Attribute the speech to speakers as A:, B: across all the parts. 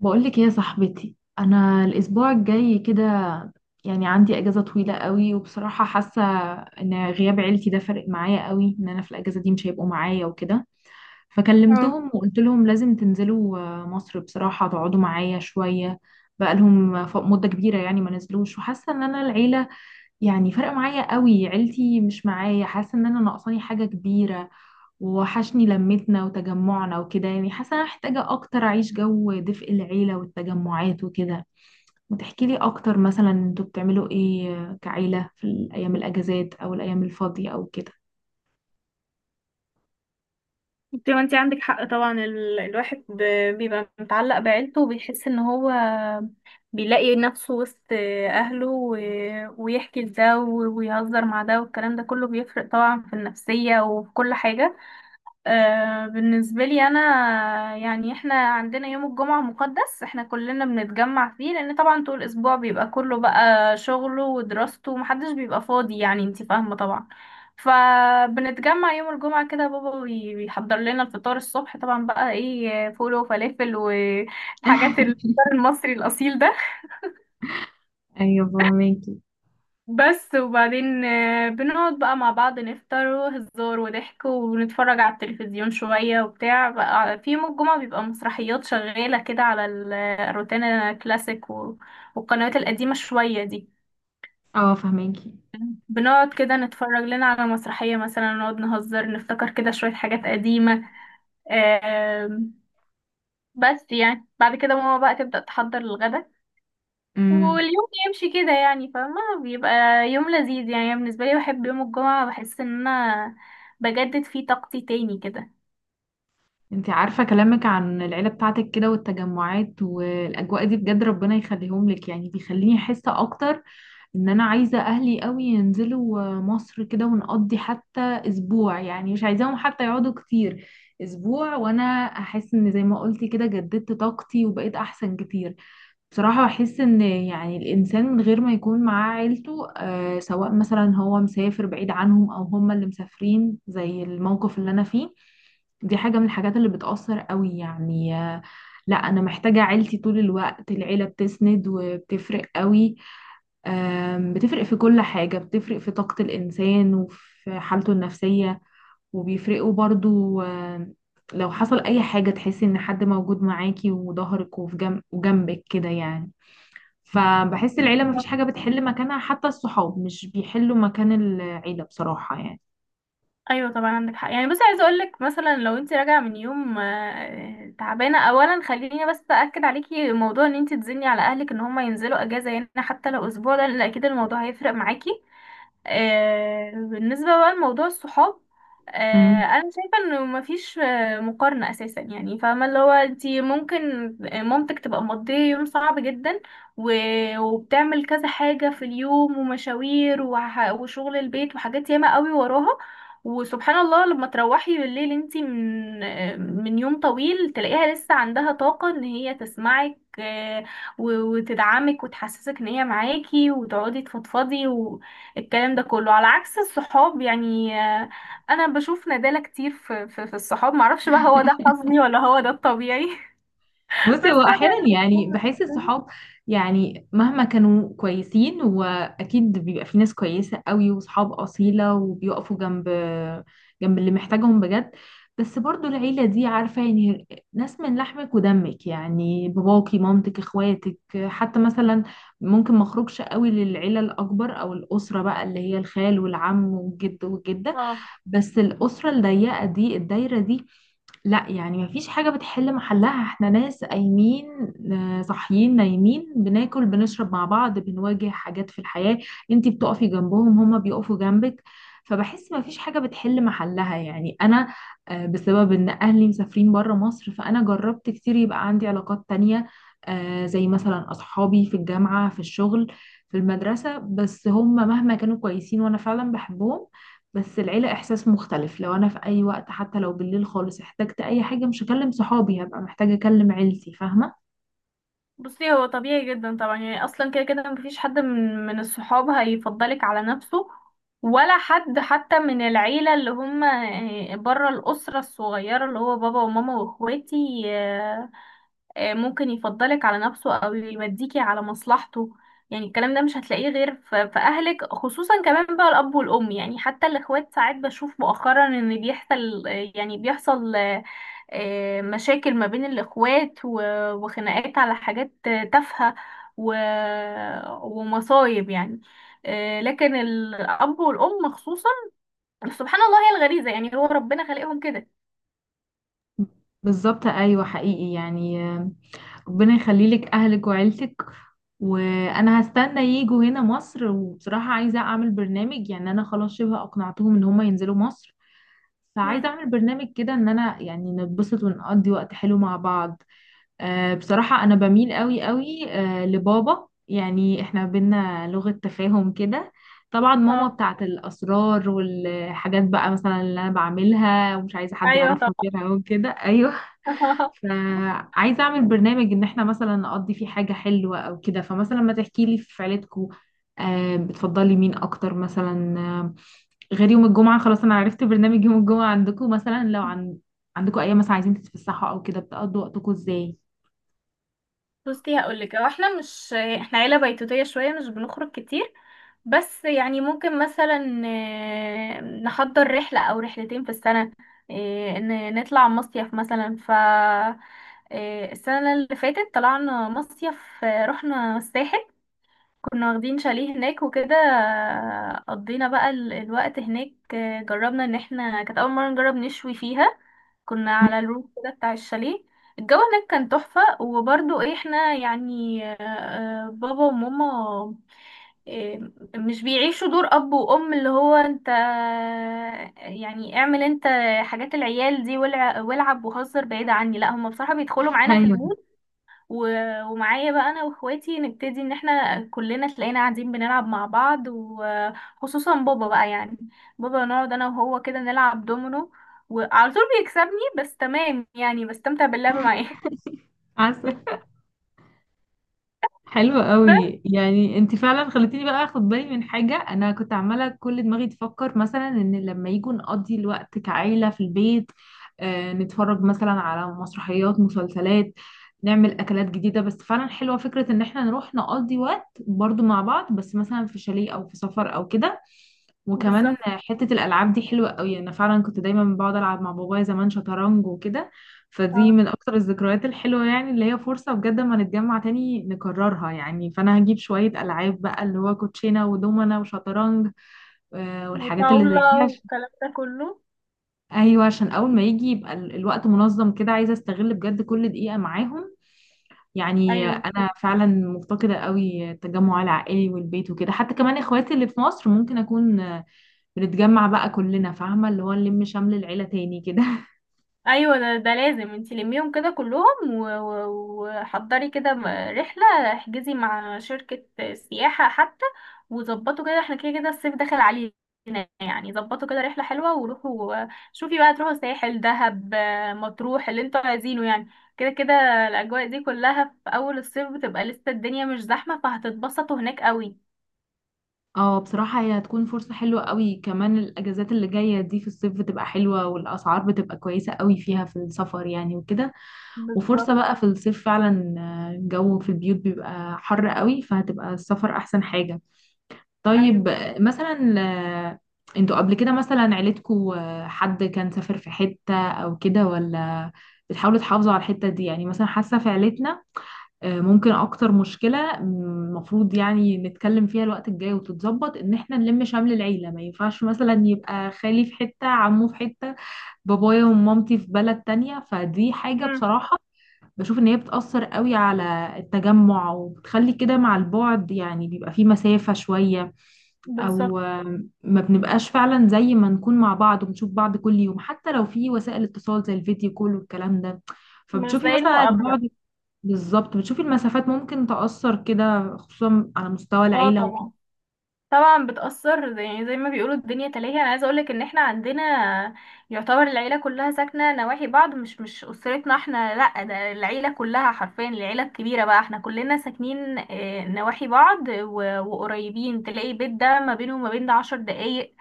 A: بقولك يا صاحبتي، انا الاسبوع الجاي كده يعني عندي اجازه طويله قوي. وبصراحه حاسه ان غياب عيلتي ده فرق معايا قوي، ان انا في الاجازه دي مش هيبقوا معايا وكده.
B: اه.
A: فكلمتهم وقلت لهم لازم تنزلوا مصر، بصراحه تقعدوا معايا شويه. بقالهم مده كبيره يعني ما نزلوش. وحاسه ان انا العيله يعني فرق معايا قوي، عيلتي مش معايا، حاسه ان انا ناقصاني حاجه كبيره، ووحشني لمتنا وتجمعنا وكده. يعني حاسة أنا محتاجة أكتر أعيش جو دفء العيلة والتجمعات وكده. ما تحكيلي أكتر، مثلا أنتوا بتعملوا إيه كعيلة في الأيام الأجازات أو الأيام الفاضية أو كده؟
B: انت ما انت عندك حق طبعا. الواحد بيبقى متعلق بعيلته وبيحس ان هو بيلاقي نفسه وسط اهله ويحكي لده ويهزر مع ده، والكلام ده كله بيفرق طبعا في النفسية وفي كل حاجة. بالنسبة لي أنا، يعني إحنا عندنا يوم الجمعة مقدس، إحنا كلنا بنتجمع فيه، لأن طبعا طول الأسبوع بيبقى كله بقى شغله ودراسته ومحدش بيبقى فاضي، يعني انتي فاهمة طبعا. فبنتجمع يوم الجمعة كده، بابا بيحضر لنا الفطار الصبح، طبعا بقى إيه، فول وفلافل والحاجات، الفطار المصري الأصيل ده.
A: أيوة فهماكي.
B: بس وبعدين بنقعد بقى مع بعض نفطر وهزار وضحك ونتفرج على التلفزيون شوية وبتاع، بقى في يوم الجمعة بيبقى مسرحيات شغالة كده على الروتانا كلاسيك والقنوات القديمة شوية دي.
A: أه فهماكي.
B: بنقعد كده نتفرج لنا على مسرحية مثلا، نقعد نهزر نفتكر كده شوية حاجات قديمة. آم، بس يعني بعد كده ماما بقى تبدأ تحضر الغدا،
A: امم.
B: واليوم يمشي كده، يعني فاهمة، بيبقى يوم لذيذ. يعني أنا بالنسبة لي بحب يوم الجمعة، بحس ان انا بجدد فيه طاقتي تاني كده.
A: انتي عارفة كلامك عن العيلة بتاعتك كده والتجمعات والأجواء دي، بجد ربنا يخليهم لك. يعني بيخليني أحس أكتر ان انا عايزة اهلي قوي ينزلوا مصر كده ونقضي حتى اسبوع. يعني مش عايزاهم حتى يقعدوا كتير، اسبوع وانا احس ان زي ما قلتي كده جددت طاقتي وبقيت احسن كتير. بصراحة احس ان يعني الانسان من غير ما يكون معاه عيلته سواء مثلا هو مسافر بعيد عنهم او هم اللي مسافرين زي الموقف اللي انا فيه، دي حاجة من الحاجات اللي بتأثر قوي يعني لا انا محتاجة عيلتي طول الوقت. العيلة بتسند وبتفرق قوي، بتفرق في كل حاجة، بتفرق في طاقة الإنسان وفي حالته النفسية، وبيفرقوا برضو. لو حصل أي حاجة تحسي إن حد موجود معاكي وظهرك وفي جنب وجنبك كده يعني. فبحس العيلة مفيش حاجة بتحل مكانها، حتى الصحاب مش بيحلوا مكان العيلة بصراحة يعني.
B: ايوه طبعا عندك حق. يعني بصي، عايزه اقول لك مثلا لو انت راجعه من يوم تعبانه، اولا خليني بس اكد عليكي موضوع ان انت تزني على اهلك ان هم ينزلوا اجازه، يعني حتى لو اسبوع، ده لان اكيد الموضوع هيفرق معاكي. بالنسبة بقى لموضوع الصحاب،
A: مم.
B: أنا شايفة إنه مفيش مقارنة أساسا. يعني فاهمة، اللي هو أنتي ممكن مامتك تبقى مقضية يوم صعب جدا وبتعمل كذا حاجة في اليوم، ومشاوير وشغل البيت وحاجات ياما قوي وراها، وسبحان الله لما تروحي بالليل انتي من يوم طويل تلاقيها لسه عندها طاقة ان هي تسمعك وتدعمك وتحسسك ان هي معاكي، وتقعدي تفضفضي. الكلام ده كله على عكس الصحاب، يعني انا بشوف ندالة كتير في الصحاب، معرفش بقى هو ده حظي ولا هو ده الطبيعي.
A: بصي هو
B: بس
A: احيانا
B: انا.
A: يعني بحس الصحاب يعني مهما كانوا كويسين، واكيد بيبقى في ناس كويسه قوي وصحاب اصيله وبيقفوا جنب اللي محتاجهم بجد. بس برضو العيله دي عارفه، يعني ناس من لحمك ودمك، يعني باباكي مامتك اخواتك. حتى مثلا ممكن ما اخرجش قوي للعيله الاكبر او الاسره بقى اللي هي الخال والعم والجد والجده،
B: اه.
A: بس الاسره الضيقه دي الدايره دي لا، يعني مفيش حاجة بتحل محلها. احنا ناس قايمين صاحيين نايمين، بناكل بنشرب مع بعض، بنواجه حاجات في الحياة، انتي بتقفي جنبهم هما بيقفوا جنبك. فبحس مفيش حاجة بتحل محلها، يعني انا بسبب ان اهلي مسافرين برا مصر فانا جربت كتير يبقى عندي علاقات تانية، زي مثلا اصحابي في الجامعة في الشغل في المدرسة. بس هم مهما كانوا كويسين وانا فعلا بحبهم، بس العيلة إحساس مختلف. لو أنا في أي وقت حتى لو بالليل خالص احتجت أي حاجة، مش هكلم صحابي، هبقى محتاجة أكلم عيلتي، فاهمة.
B: بصي هو طبيعي جدا طبعا، يعني اصلا كده كده مفيش حد من الصحاب هيفضلك على نفسه، ولا حد حتى من العيلة اللي هم بره الأسرة الصغيرة اللي هو بابا وماما واخواتي. آه، ممكن يفضلك على نفسه او يوديكي على مصلحته. يعني الكلام ده مش هتلاقيه غير في اهلك، خصوصا كمان بقى الاب والام. يعني حتى الاخوات ساعات بشوف مؤخرا ان بيحصل آه، يعني بيحصل مشاكل ما بين الاخوات وخناقات على حاجات تافهة و- ومصايب يعني. لكن الاب والام خصوصا سبحان الله، هي الغريزة، يعني هو ربنا خلقهم كده.
A: بالظبط، أيوة حقيقي يعني. ربنا يخليلك أهلك وعيلتك. وأنا هستنى ييجوا هنا مصر، وبصراحة عايزة أعمل برنامج. يعني أنا خلاص شبه أقنعتهم إن هما ينزلوا مصر، فعايزة
B: مم.
A: أعمل برنامج كده إن أنا يعني نتبسط ونقضي وقت حلو مع بعض. بصراحة أنا بميل قوي قوي لبابا، يعني إحنا بينا لغة تفاهم كده. طبعا ماما
B: اه.
A: بتاعت الأسرار والحاجات بقى مثلا اللي أنا بعملها ومش عايزة حد
B: ايوه.
A: يعرفها غيرها وكده. أيوه.
B: طبعا.
A: فعايزة أعمل برنامج إن إحنا مثلا نقضي فيه حاجة حلوة أو كده. فمثلا ما تحكي لي في عيلتكو، بتفضلي مين أكتر مثلا، غير يوم الجمعة خلاص أنا عرفت برنامج يوم الجمعة عندكو. مثلا لو عندكو أيام مثلا عايزين تتفسحوا أو كده، بتقضوا وقتكو إزاي؟
B: بصي هقولك، هو احنا مش احنا عيلة بيتوتية شوية، مش بنخرج كتير. بس يعني ممكن مثلا نحضر رحلة او رحلتين في السنة. نطلع مصيف مثلا، ف السنة اللي فاتت طلعنا مصيف. رحنا الساحل، كنا واخدين شاليه هناك وكده. قضينا بقى الوقت هناك. جربنا ان احنا كانت اول مرة نجرب نشوي فيها، كنا على الروف كده بتاع الشاليه. الجو هناك كان تحفة. وبرضو إيه، احنا يعني بابا وماما آه، مش بيعيشوا دور اب وام اللي هو انت يعني اعمل انت حاجات العيال دي والعب وهزر بعيد عني. لا، هم بصراحة بيدخلوا معانا في
A: ايوه
B: المود ومعايا بقى انا واخواتي نبتدي، ان احنا كلنا تلاقينا قاعدين بنلعب مع بعض، وخصوصا بابا بقى، يعني بابا نقعد انا وهو كده نلعب دومينو وعلى طول بيكسبني، بس تمام يعني بستمتع باللعب معاه.
A: عسل. حلو
B: بس.
A: قوي، يعني انت فعلا خلتيني بقى اخد بالي من حاجه. انا كنت عماله كل دماغي تفكر مثلا ان لما يجوا نقضي الوقت كعيله في البيت، نتفرج مثلا على مسرحيات مسلسلات، نعمل اكلات جديده. بس فعلا حلوه فكره ان احنا نروح نقضي وقت برضو مع بعض، بس مثلا في شاليه او في سفر او كده. وكمان
B: بالظبط.
A: حتة الألعاب دي حلوة قوي. أنا فعلا كنت دايما بقعد ألعب مع بابايا زمان شطرنج وكده، فدي
B: اه.
A: من أكتر الذكريات الحلوة يعني، اللي هي فرصة بجد، ما نتجمع تاني نكررها يعني. فأنا هجيب شوية ألعاب بقى اللي هو كوتشينة ودومنة وشطرنج والحاجات اللي زي دي،
B: وطاولة
A: عشان
B: والكلام ده كله.
A: أيوة عشان أول ما يجي يبقى الوقت منظم كده، عايزة أستغل بجد كل دقيقة معاهم. يعني
B: ايوه.
A: أنا فعلا مفتقدة قوي التجمع العائلي والبيت وكده، حتى كمان إخواتي اللي في مصر ممكن أكون بنتجمع بقى كلنا، فاهمة اللي هو نلم شمل العيلة تاني كده.
B: ايوه، ده لازم انتي لميهم كده كلهم وحضري كده رحله، احجزي مع شركه سياحه حتى، وظبطوا كده، احنا كده كده الصيف داخل علينا، يعني ظبطوا كده رحله حلوه وروحوا. شوفي بقى، تروحوا ساحل دهب مطروح اللي انتوا عايزينه يعني. كده كده الاجواء دي كلها في اول الصيف بتبقى لسه الدنيا مش زحمه، فهتتبسطوا هناك قوي.
A: اه بصراحة هي هتكون فرصة حلوة قوي. كمان الأجازات اللي جاية دي في الصيف بتبقى حلوة، والأسعار بتبقى كويسة قوي فيها في السفر يعني وكده. وفرصة
B: بالظبط.
A: بقى في الصيف فعلا، الجو في البيوت بيبقى حر قوي، فهتبقى السفر أحسن حاجة.
B: ايوه.
A: طيب مثلا آه، انتوا قبل كده مثلا عيلتكوا حد كان سافر في حتة أو كده، ولا بتحاولوا تحافظوا على الحتة دي؟ يعني مثلا حاسة في عيلتنا ممكن اكتر مشكلة المفروض يعني نتكلم فيها الوقت الجاي وتتظبط ان احنا نلم شمل العيلة. ما ينفعش مثلا يبقى خالي في حتة، عمه في حتة، بابايا ومامتي في بلد تانية، فدي حاجة
B: امم.
A: بصراحة بشوف ان هي بتأثر قوي على التجمع، وبتخلي كده مع البعد يعني بيبقى في مسافة شوية.
B: بالظبط.
A: او ما بنبقاش فعلا زي ما نكون مع بعض وبنشوف بعض كل يوم، حتى لو في وسائل اتصال زي الفيديو كول والكلام ده.
B: مش
A: فبتشوفي
B: زي
A: مثلا
B: المقابله.
A: البعد. بالظبط، بتشوفي المسافات ممكن تأثر كده خصوصا على مستوى
B: اه
A: العيلة وكده.
B: طبعا. طبعا بتأثر، يعني زي ما بيقولوا الدنيا تلاهي. انا عايزه اقولك ان احنا عندنا، يعتبر العيله كلها ساكنه نواحي بعض، مش اسرتنا احنا لا، ده العيله كلها حرفيا، العيله الكبيره بقى احنا كلنا ساكنين نواحي بعض وقريبين، تلاقي بيت ده ما بينه وما بين ده 10 دقايق.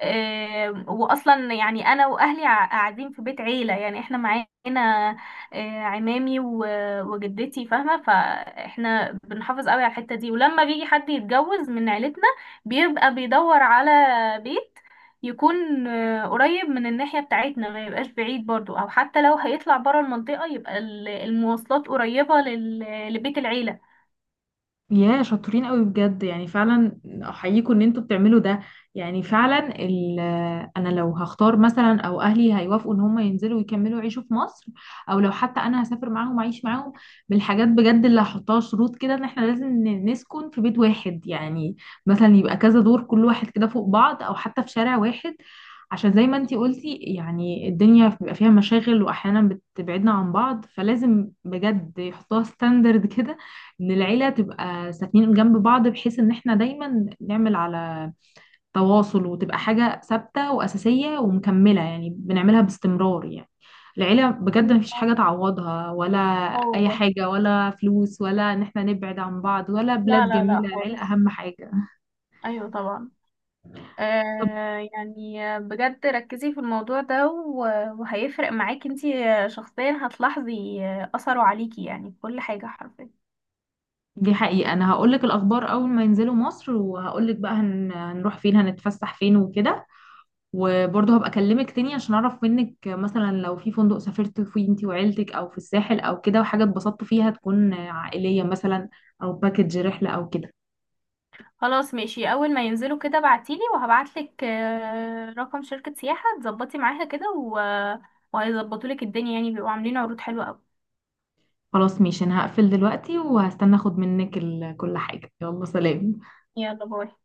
B: واصلا يعني انا واهلي قاعدين في بيت عيله، يعني احنا معانا عمامي وجدتي فاهمه. فاحنا بنحافظ قوي على الحته دي، ولما بيجي حد يتجوز من عيلتنا بيبقى بيدور على بيت يكون قريب من الناحية بتاعتنا، ما يبقاش بعيد، برضو، او حتى لو هيطلع برا المنطقة يبقى المواصلات قريبة لبيت العيلة.
A: يا شاطرين قوي، بجد يعني فعلا احييكم ان انتوا بتعملوا ده. يعني فعلا، انا لو هختار مثلا، او اهلي هيوافقوا ان هم ينزلوا ويكملوا يعيشوا في مصر، او لو حتى انا هسافر معاهم اعيش معاهم، من الحاجات بجد اللي هحطها شروط كده ان احنا لازم نسكن في بيت واحد يعني. مثلا يبقى كذا دور كل واحد كده فوق بعض، او حتى في شارع واحد، عشان زي ما انتي قلتي يعني الدنيا بيبقى فيها مشاغل واحيانا بتبعدنا عن بعض، فلازم بجد يحطوها ستاندرد كده، ان العيله تبقى ساكنين جنب بعض، بحيث ان احنا دايما نعمل على تواصل، وتبقى حاجه ثابته واساسيه ومكمله يعني بنعملها باستمرار يعني. العيله بجد
B: أيوة.
A: مفيش حاجه تعوضها، ولا
B: اه
A: اي
B: والله.
A: حاجه، ولا فلوس، ولا ان احنا نبعد عن بعض، ولا
B: لا
A: بلاد
B: لا لا
A: جميله، العيله
B: خالص.
A: اهم حاجه.
B: ايوه طبعا.
A: طب
B: يعني بجد ركزي في الموضوع ده وهيفرق معاكي انتي شخصيا، هتلاحظي اثره عليكي يعني في كل حاجة حرفيا.
A: دي حقيقه، انا هقولك الاخبار اول ما ينزلوا مصر، وهقولك بقى هنروح فين، هنتفسح فين وكده. وبرضه هبقى اكلمك تاني عشان اعرف منك، مثلا لو في فندق سافرت فيه انتي وعيلتك، او في الساحل او كده، وحاجه اتبسطتوا فيها تكون عائليه مثلا، او باكج رحله او كده.
B: خلاص ماشي، اول ما ينزلوا كده بعتيلي وهبعتلك رقم شركة سياحة تظبطي معاها كده وهيظبطولك الدنيا، يعني بيبقوا عاملين عروض حلوة قوي.
A: خلاص ماشي، انا هقفل دلوقتي وهستنى اخد منك كل حاجه. يلا سلام.
B: يلا باي.